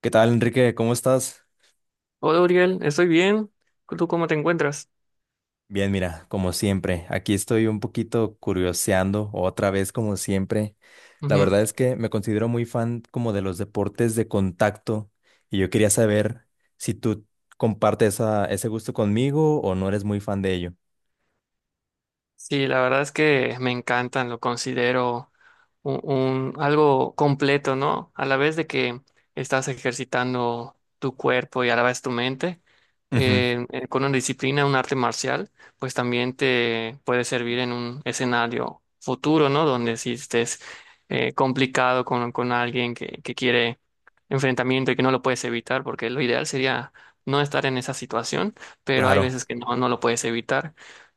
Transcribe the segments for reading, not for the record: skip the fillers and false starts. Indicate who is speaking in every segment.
Speaker 1: ¿Qué tal, Enrique? ¿Cómo estás?
Speaker 2: Hola, Uriel, estoy bien. ¿Tú cómo te encuentras?
Speaker 1: Bien, mira, como siempre, aquí estoy un poquito curioseando otra vez, como siempre. La
Speaker 2: Ujú.
Speaker 1: verdad es que me considero muy fan como de los deportes de contacto y yo quería saber si tú compartes ese gusto conmigo o no eres muy fan de ello.
Speaker 2: Sí, la verdad es que me encantan, lo considero algo completo, ¿no? A la vez de que estás ejercitando tu cuerpo y a la vez tu mente,
Speaker 1: Ujú,
Speaker 2: con una disciplina, un arte marcial, pues también te puede servir en un escenario futuro, ¿no? Donde si estés complicado con alguien que quiere enfrentamiento y que no lo puedes evitar, porque lo ideal sería no estar en esa situación, pero hay
Speaker 1: claro.
Speaker 2: veces que no, no lo puedes evitar.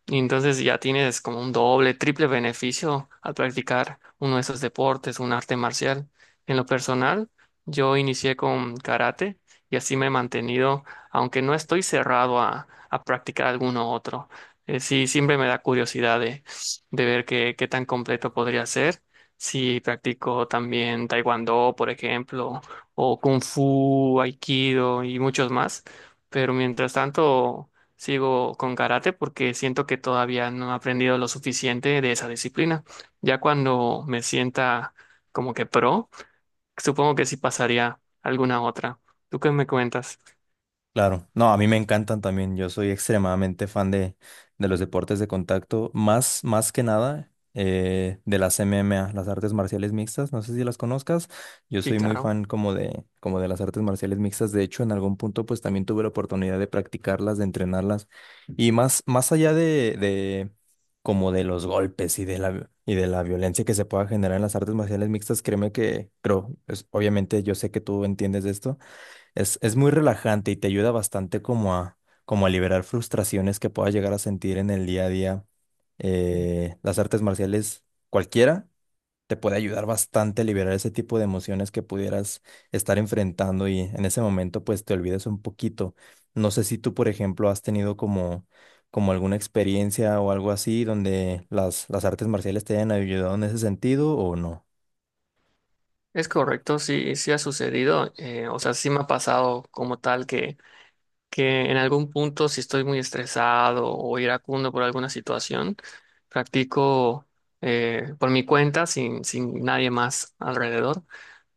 Speaker 2: Y entonces ya tienes como un doble, triple beneficio al practicar uno de esos deportes, un arte marcial. En lo personal, yo inicié con karate y así me he mantenido, aunque no estoy cerrado a practicar alguno otro. Sí, siempre me da curiosidad de ver qué, qué tan completo podría ser. Si practico también taekwondo, por ejemplo, o kung fu, aikido y muchos más. Pero mientras tanto sigo con karate porque siento que todavía no he aprendido lo suficiente de esa disciplina. Ya cuando me sienta como que pro, supongo que sí pasaría a alguna otra. ¿Tú qué me cuentas?
Speaker 1: Claro, no, a mí me encantan también. Yo soy extremadamente fan de los deportes de contacto, más que nada de las MMA, las artes marciales mixtas. No sé si las conozcas. Yo
Speaker 2: Sí,
Speaker 1: soy muy
Speaker 2: claro.
Speaker 1: fan como de las artes marciales mixtas. De hecho, en algún punto, pues también tuve la oportunidad de practicarlas, de entrenarlas. Y más allá de como de los golpes y de y de la violencia que se pueda generar en las artes marciales mixtas, créeme que, creo, pues, obviamente yo sé que tú entiendes de esto es muy relajante y te ayuda bastante como a liberar frustraciones que puedas llegar a sentir en el día a día. Las artes marciales, cualquiera, te puede ayudar bastante a liberar ese tipo de emociones que pudieras estar enfrentando y en ese momento pues te olvidas un poquito. No sé si tú, por ejemplo, has tenido como alguna experiencia o algo así donde las artes marciales te hayan ayudado en ese sentido o no.
Speaker 2: Es correcto, sí, sí ha sucedido. O sea, sí me ha pasado como tal que en algún punto, si estoy muy estresado o iracundo por alguna situación, practico por mi cuenta, sin nadie más alrededor,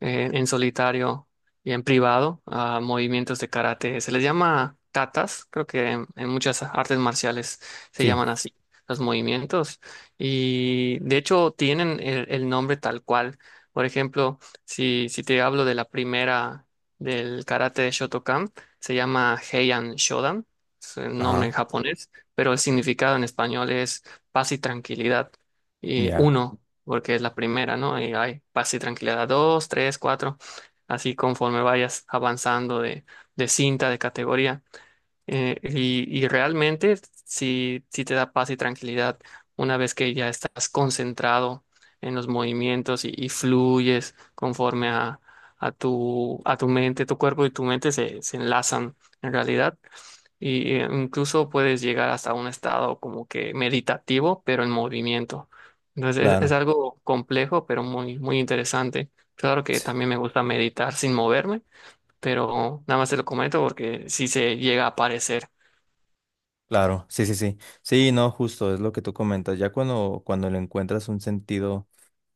Speaker 2: en solitario y en privado, a movimientos de karate. Se les llama katas, creo que en muchas artes marciales se
Speaker 1: Sí,
Speaker 2: llaman así. Los movimientos y de hecho tienen el nombre tal cual. Por ejemplo, si te hablo de la primera del karate de Shotokan, se llama Heian Shodan, es el nombre en
Speaker 1: ajá,
Speaker 2: japonés, pero el significado en español es paz y tranquilidad. Y
Speaker 1: ya,
Speaker 2: uno, porque es la primera, ¿no? Y hay paz y tranquilidad dos, tres, cuatro, así conforme vayas avanzando de cinta, de categoría. Y realmente sí, sí te da paz y tranquilidad una vez que ya estás concentrado en los movimientos y fluyes conforme a tu mente, tu cuerpo y tu mente se enlazan en realidad. Y incluso puedes llegar hasta un estado como que meditativo, pero en movimiento. Entonces es
Speaker 1: claro.
Speaker 2: algo complejo, pero muy, muy interesante. Claro que también me gusta meditar sin moverme, pero nada más te lo comento porque si se llega a aparecer.
Speaker 1: Claro, sí, sí, sí. Sí, no, justo, es lo que tú comentas. Ya cuando le encuentras un sentido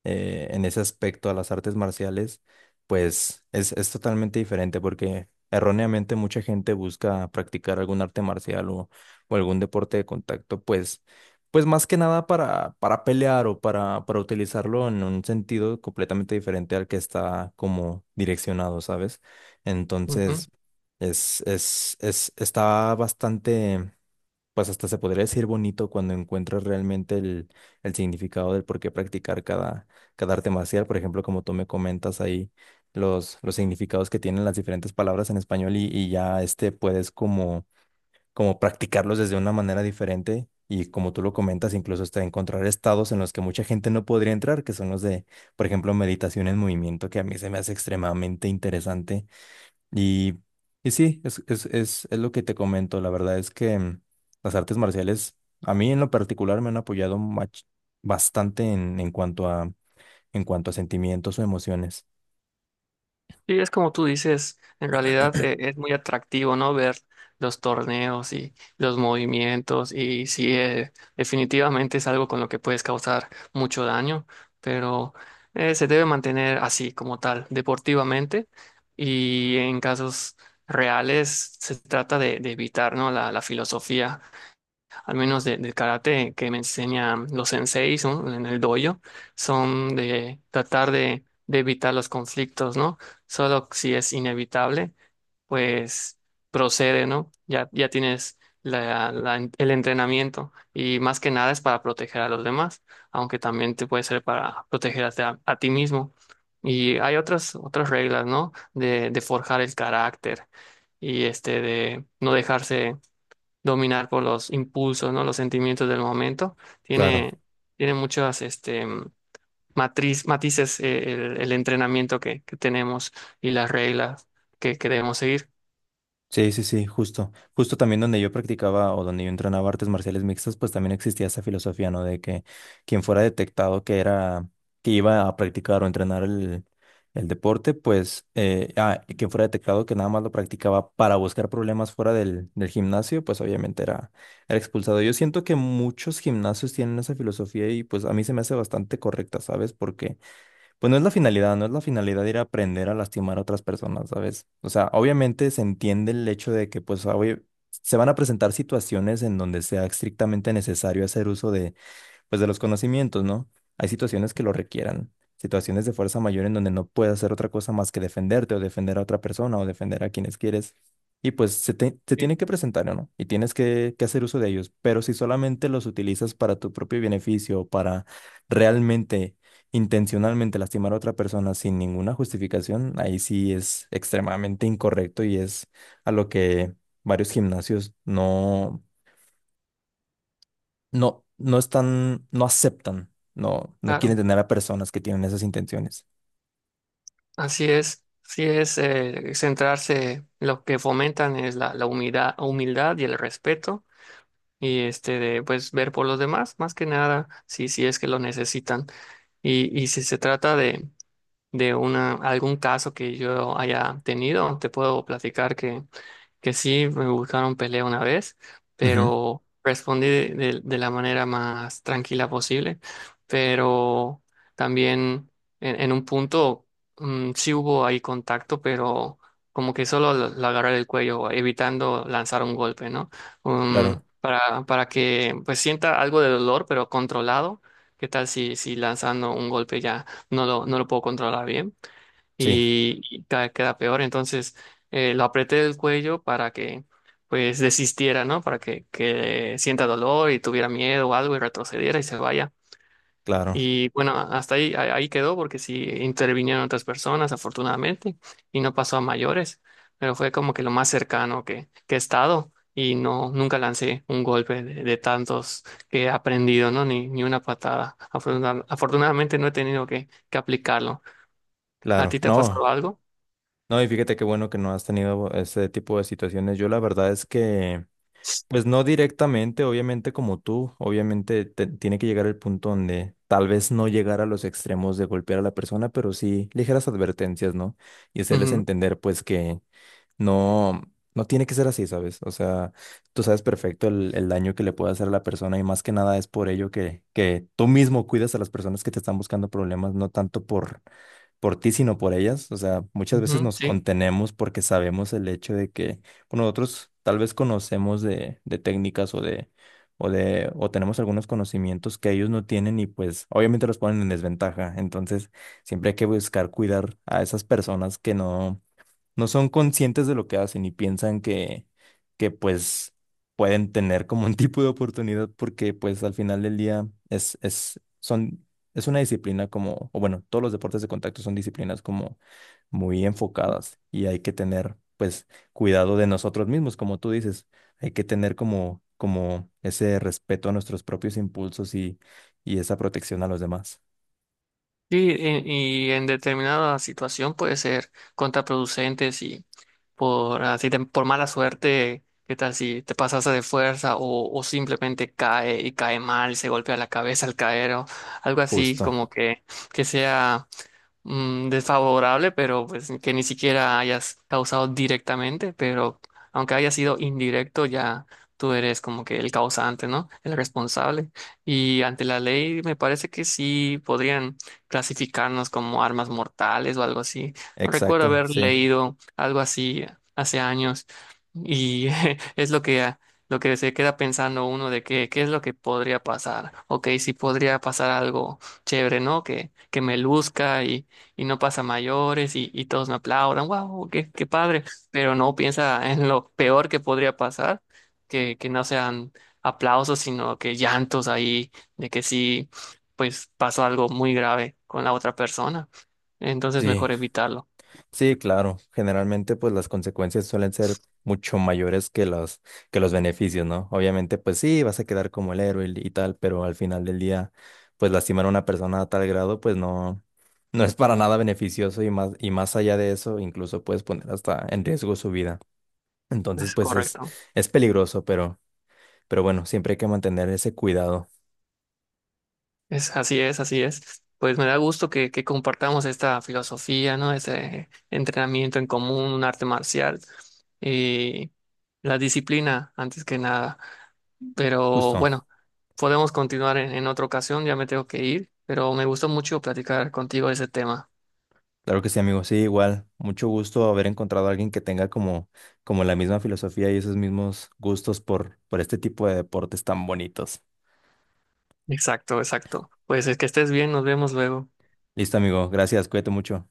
Speaker 1: en ese aspecto a las artes marciales, pues es totalmente diferente porque erróneamente mucha gente busca practicar algún arte marcial o algún deporte de contacto, pues, pues más que nada para pelear o para utilizarlo en un sentido completamente diferente al que está como direccionado, ¿sabes?
Speaker 2: Ujú.
Speaker 1: Entonces, es, está bastante pues hasta se podría decir bonito cuando encuentras realmente el significado del por qué practicar cada arte marcial. Por ejemplo, como tú me comentas ahí, los significados que tienen las diferentes palabras en español y ya este puedes como practicarlos desde una manera diferente. Y como tú lo comentas, incluso hasta encontrar estados en los que mucha gente no podría entrar, que son los de, por ejemplo, meditación en movimiento, que a mí se me hace extremadamente interesante y, y sí, es lo que te comento. La verdad es que las artes marciales, a mí en lo particular, me han apoyado bastante en cuanto a sentimientos o emociones.
Speaker 2: Y es como tú dices, en realidad es muy atractivo, ¿no? Ver los torneos y los movimientos y sí, definitivamente es algo con lo que puedes causar mucho daño, pero se debe mantener así como tal, deportivamente y en casos reales se trata de evitar, ¿no? La filosofía al menos de, del karate que me enseñan los senseis, ¿no? En el dojo, son de tratar de evitar los conflictos, ¿no? Solo si es inevitable, pues procede, ¿no? Ya tienes el entrenamiento y más que nada es para proteger a los demás, aunque también te puede ser para proteger a ti mismo. Y hay otras, otras reglas, ¿no? De forjar el carácter y este de no dejarse dominar por los impulsos, ¿no? Los sentimientos del momento.
Speaker 1: Claro.
Speaker 2: Tiene, tiene muchas este, matriz, matices el entrenamiento que tenemos y las reglas que debemos seguir.
Speaker 1: Sí, sí, sí, justo. Justo también donde yo practicaba o donde yo entrenaba artes marciales mixtas, pues también existía esa filosofía, ¿no? De que quien fuera detectado que era, que iba a practicar o entrenar el deporte, pues, y quien fuera detectado que nada más lo practicaba para buscar problemas fuera del gimnasio, pues obviamente era expulsado. Yo siento que muchos gimnasios tienen esa filosofía y pues a mí se me hace bastante correcta, ¿sabes? Porque pues no es la finalidad, no es la finalidad ir a aprender a lastimar a otras personas, ¿sabes? O sea, obviamente se entiende el hecho de que, pues, se van a presentar situaciones en donde sea estrictamente necesario hacer uso de pues de los conocimientos, ¿no? Hay situaciones que lo requieran, situaciones de fuerza mayor en donde no puedes hacer otra cosa más que defenderte o defender a otra persona o defender a quienes quieres. Y pues se
Speaker 2: Sí.
Speaker 1: tienen que presentar, ¿no? Y tienes que hacer uso de ellos. Pero si solamente los utilizas para tu propio beneficio, o para realmente, intencionalmente lastimar a otra persona sin ninguna justificación, ahí sí es extremadamente incorrecto y es a lo que varios gimnasios no están, no aceptan, no quieren
Speaker 2: Claro,
Speaker 1: tener a personas que tienen esas intenciones.
Speaker 2: así es. Así es, centrarse, lo que fomentan es la humildad, humildad y el respeto y este de pues ver por los demás, más que nada, si es que lo necesitan. Y si se trata de una, algún caso que yo haya tenido. Te puedo platicar que sí, me buscaron pelea una vez,
Speaker 1: Ujú,
Speaker 2: pero respondí de la manera más tranquila posible. Pero también en un punto sí hubo ahí contacto, pero como que solo lo agarré el cuello, evitando lanzar un golpe, ¿no?
Speaker 1: claro,
Speaker 2: Para que pues sienta algo de dolor, pero controlado. ¿Qué tal si lanzando un golpe ya? No lo puedo controlar bien
Speaker 1: sí,
Speaker 2: y vez queda peor. Entonces lo apreté del cuello para que pues desistiera, ¿no? Para que sienta dolor y tuviera miedo o algo y retrocediera y se vaya.
Speaker 1: claro,
Speaker 2: Y bueno, hasta ahí, ahí quedó porque sí intervinieron otras personas, afortunadamente, y no pasó a mayores, pero fue como que lo más cercano que he estado y no, nunca lancé un golpe de tantos que he aprendido, ¿no? Ni una patada. Afortunadamente no he tenido que aplicarlo. ¿A
Speaker 1: claro.
Speaker 2: ti te ha
Speaker 1: No,
Speaker 2: pasado algo?
Speaker 1: no, y fíjate qué bueno que no has tenido ese tipo de situaciones. Yo la verdad es que, pues no directamente, obviamente como tú, obviamente tiene que llegar el punto donde tal vez no llegar a los extremos de golpear a la persona, pero sí ligeras advertencias, ¿no? Y hacerles
Speaker 2: Ujú,
Speaker 1: entender, pues, que no, no tiene que ser así, ¿sabes? O sea, tú sabes perfecto el daño que le puede hacer a la persona y más que nada es por ello que tú mismo cuidas a las personas que te están buscando problemas, no tanto por ti, sino por ellas. O sea, muchas veces
Speaker 2: ujú,
Speaker 1: nos
Speaker 2: sí.
Speaker 1: contenemos porque sabemos el hecho de que bueno, nosotros tal vez conocemos de técnicas o tenemos algunos conocimientos que ellos no tienen y pues obviamente los ponen en desventaja. Entonces, siempre hay que buscar cuidar a esas personas que no son conscientes de lo que hacen y piensan que pues pueden tener como un tipo de oportunidad porque pues al final del día es una disciplina como, o bueno, todos los deportes de contacto son disciplinas como muy enfocadas y hay que tener pues cuidado de nosotros mismos, como tú dices, hay que tener como ese respeto a nuestros propios impulsos y esa protección a los demás.
Speaker 2: Sí, en- y en determinada situación puede ser contraproducente si por así te- por mala suerte, qué tal si te pasaste de fuerza o simplemente cae y cae mal, se golpea la cabeza al caer o algo así
Speaker 1: Justo,
Speaker 2: como que sea desfavorable, pero pues que ni siquiera hayas causado directamente, pero aunque haya sido indirecto, ya tú eres como que el causante, ¿no? El responsable. Y ante la ley me parece que sí podrían clasificarnos como armas mortales o algo así. No recuerdo
Speaker 1: exacto,
Speaker 2: haber
Speaker 1: sí.
Speaker 2: leído algo así hace años y es lo lo que se queda pensando uno de que, qué es lo que podría pasar. Ok, si podría pasar algo chévere, ¿no? Que me luzca y no pasa mayores y todos me aplaudan. ¡Wow! ¡Qué, qué padre! Pero no piensa en lo peor que podría pasar, que no sean aplausos, sino que llantos ahí, de que sí pues pasó algo muy grave con la otra persona. Entonces,
Speaker 1: Sí,
Speaker 2: mejor evitarlo.
Speaker 1: sí, claro. Generalmente, pues las consecuencias suelen ser mucho mayores que que los beneficios, ¿no? Obviamente, pues sí, vas a quedar como el héroe y tal, pero al final del día, pues lastimar a una persona a tal grado, pues no, no es para nada beneficioso y más allá de eso, incluso puedes poner hasta en riesgo su vida. Entonces,
Speaker 2: Es
Speaker 1: pues
Speaker 2: correcto.
Speaker 1: es peligroso, pero bueno, siempre hay que mantener ese cuidado.
Speaker 2: Es, así es, así es. Pues me da gusto que compartamos esta filosofía, ¿no? Este entrenamiento en común, un arte marcial y la disciplina antes que nada. Pero
Speaker 1: Justo.
Speaker 2: bueno, podemos continuar en otra ocasión, ya me tengo que ir, pero me gustó mucho platicar contigo de ese tema.
Speaker 1: Claro que sí, amigo. Sí, igual. Mucho gusto haber encontrado a alguien que tenga como, como la misma filosofía y esos mismos gustos por este tipo de deportes tan bonitos.
Speaker 2: Exacto, exacto. Pues es que estés bien, nos vemos luego.
Speaker 1: Listo, amigo. Gracias. Cuídate mucho.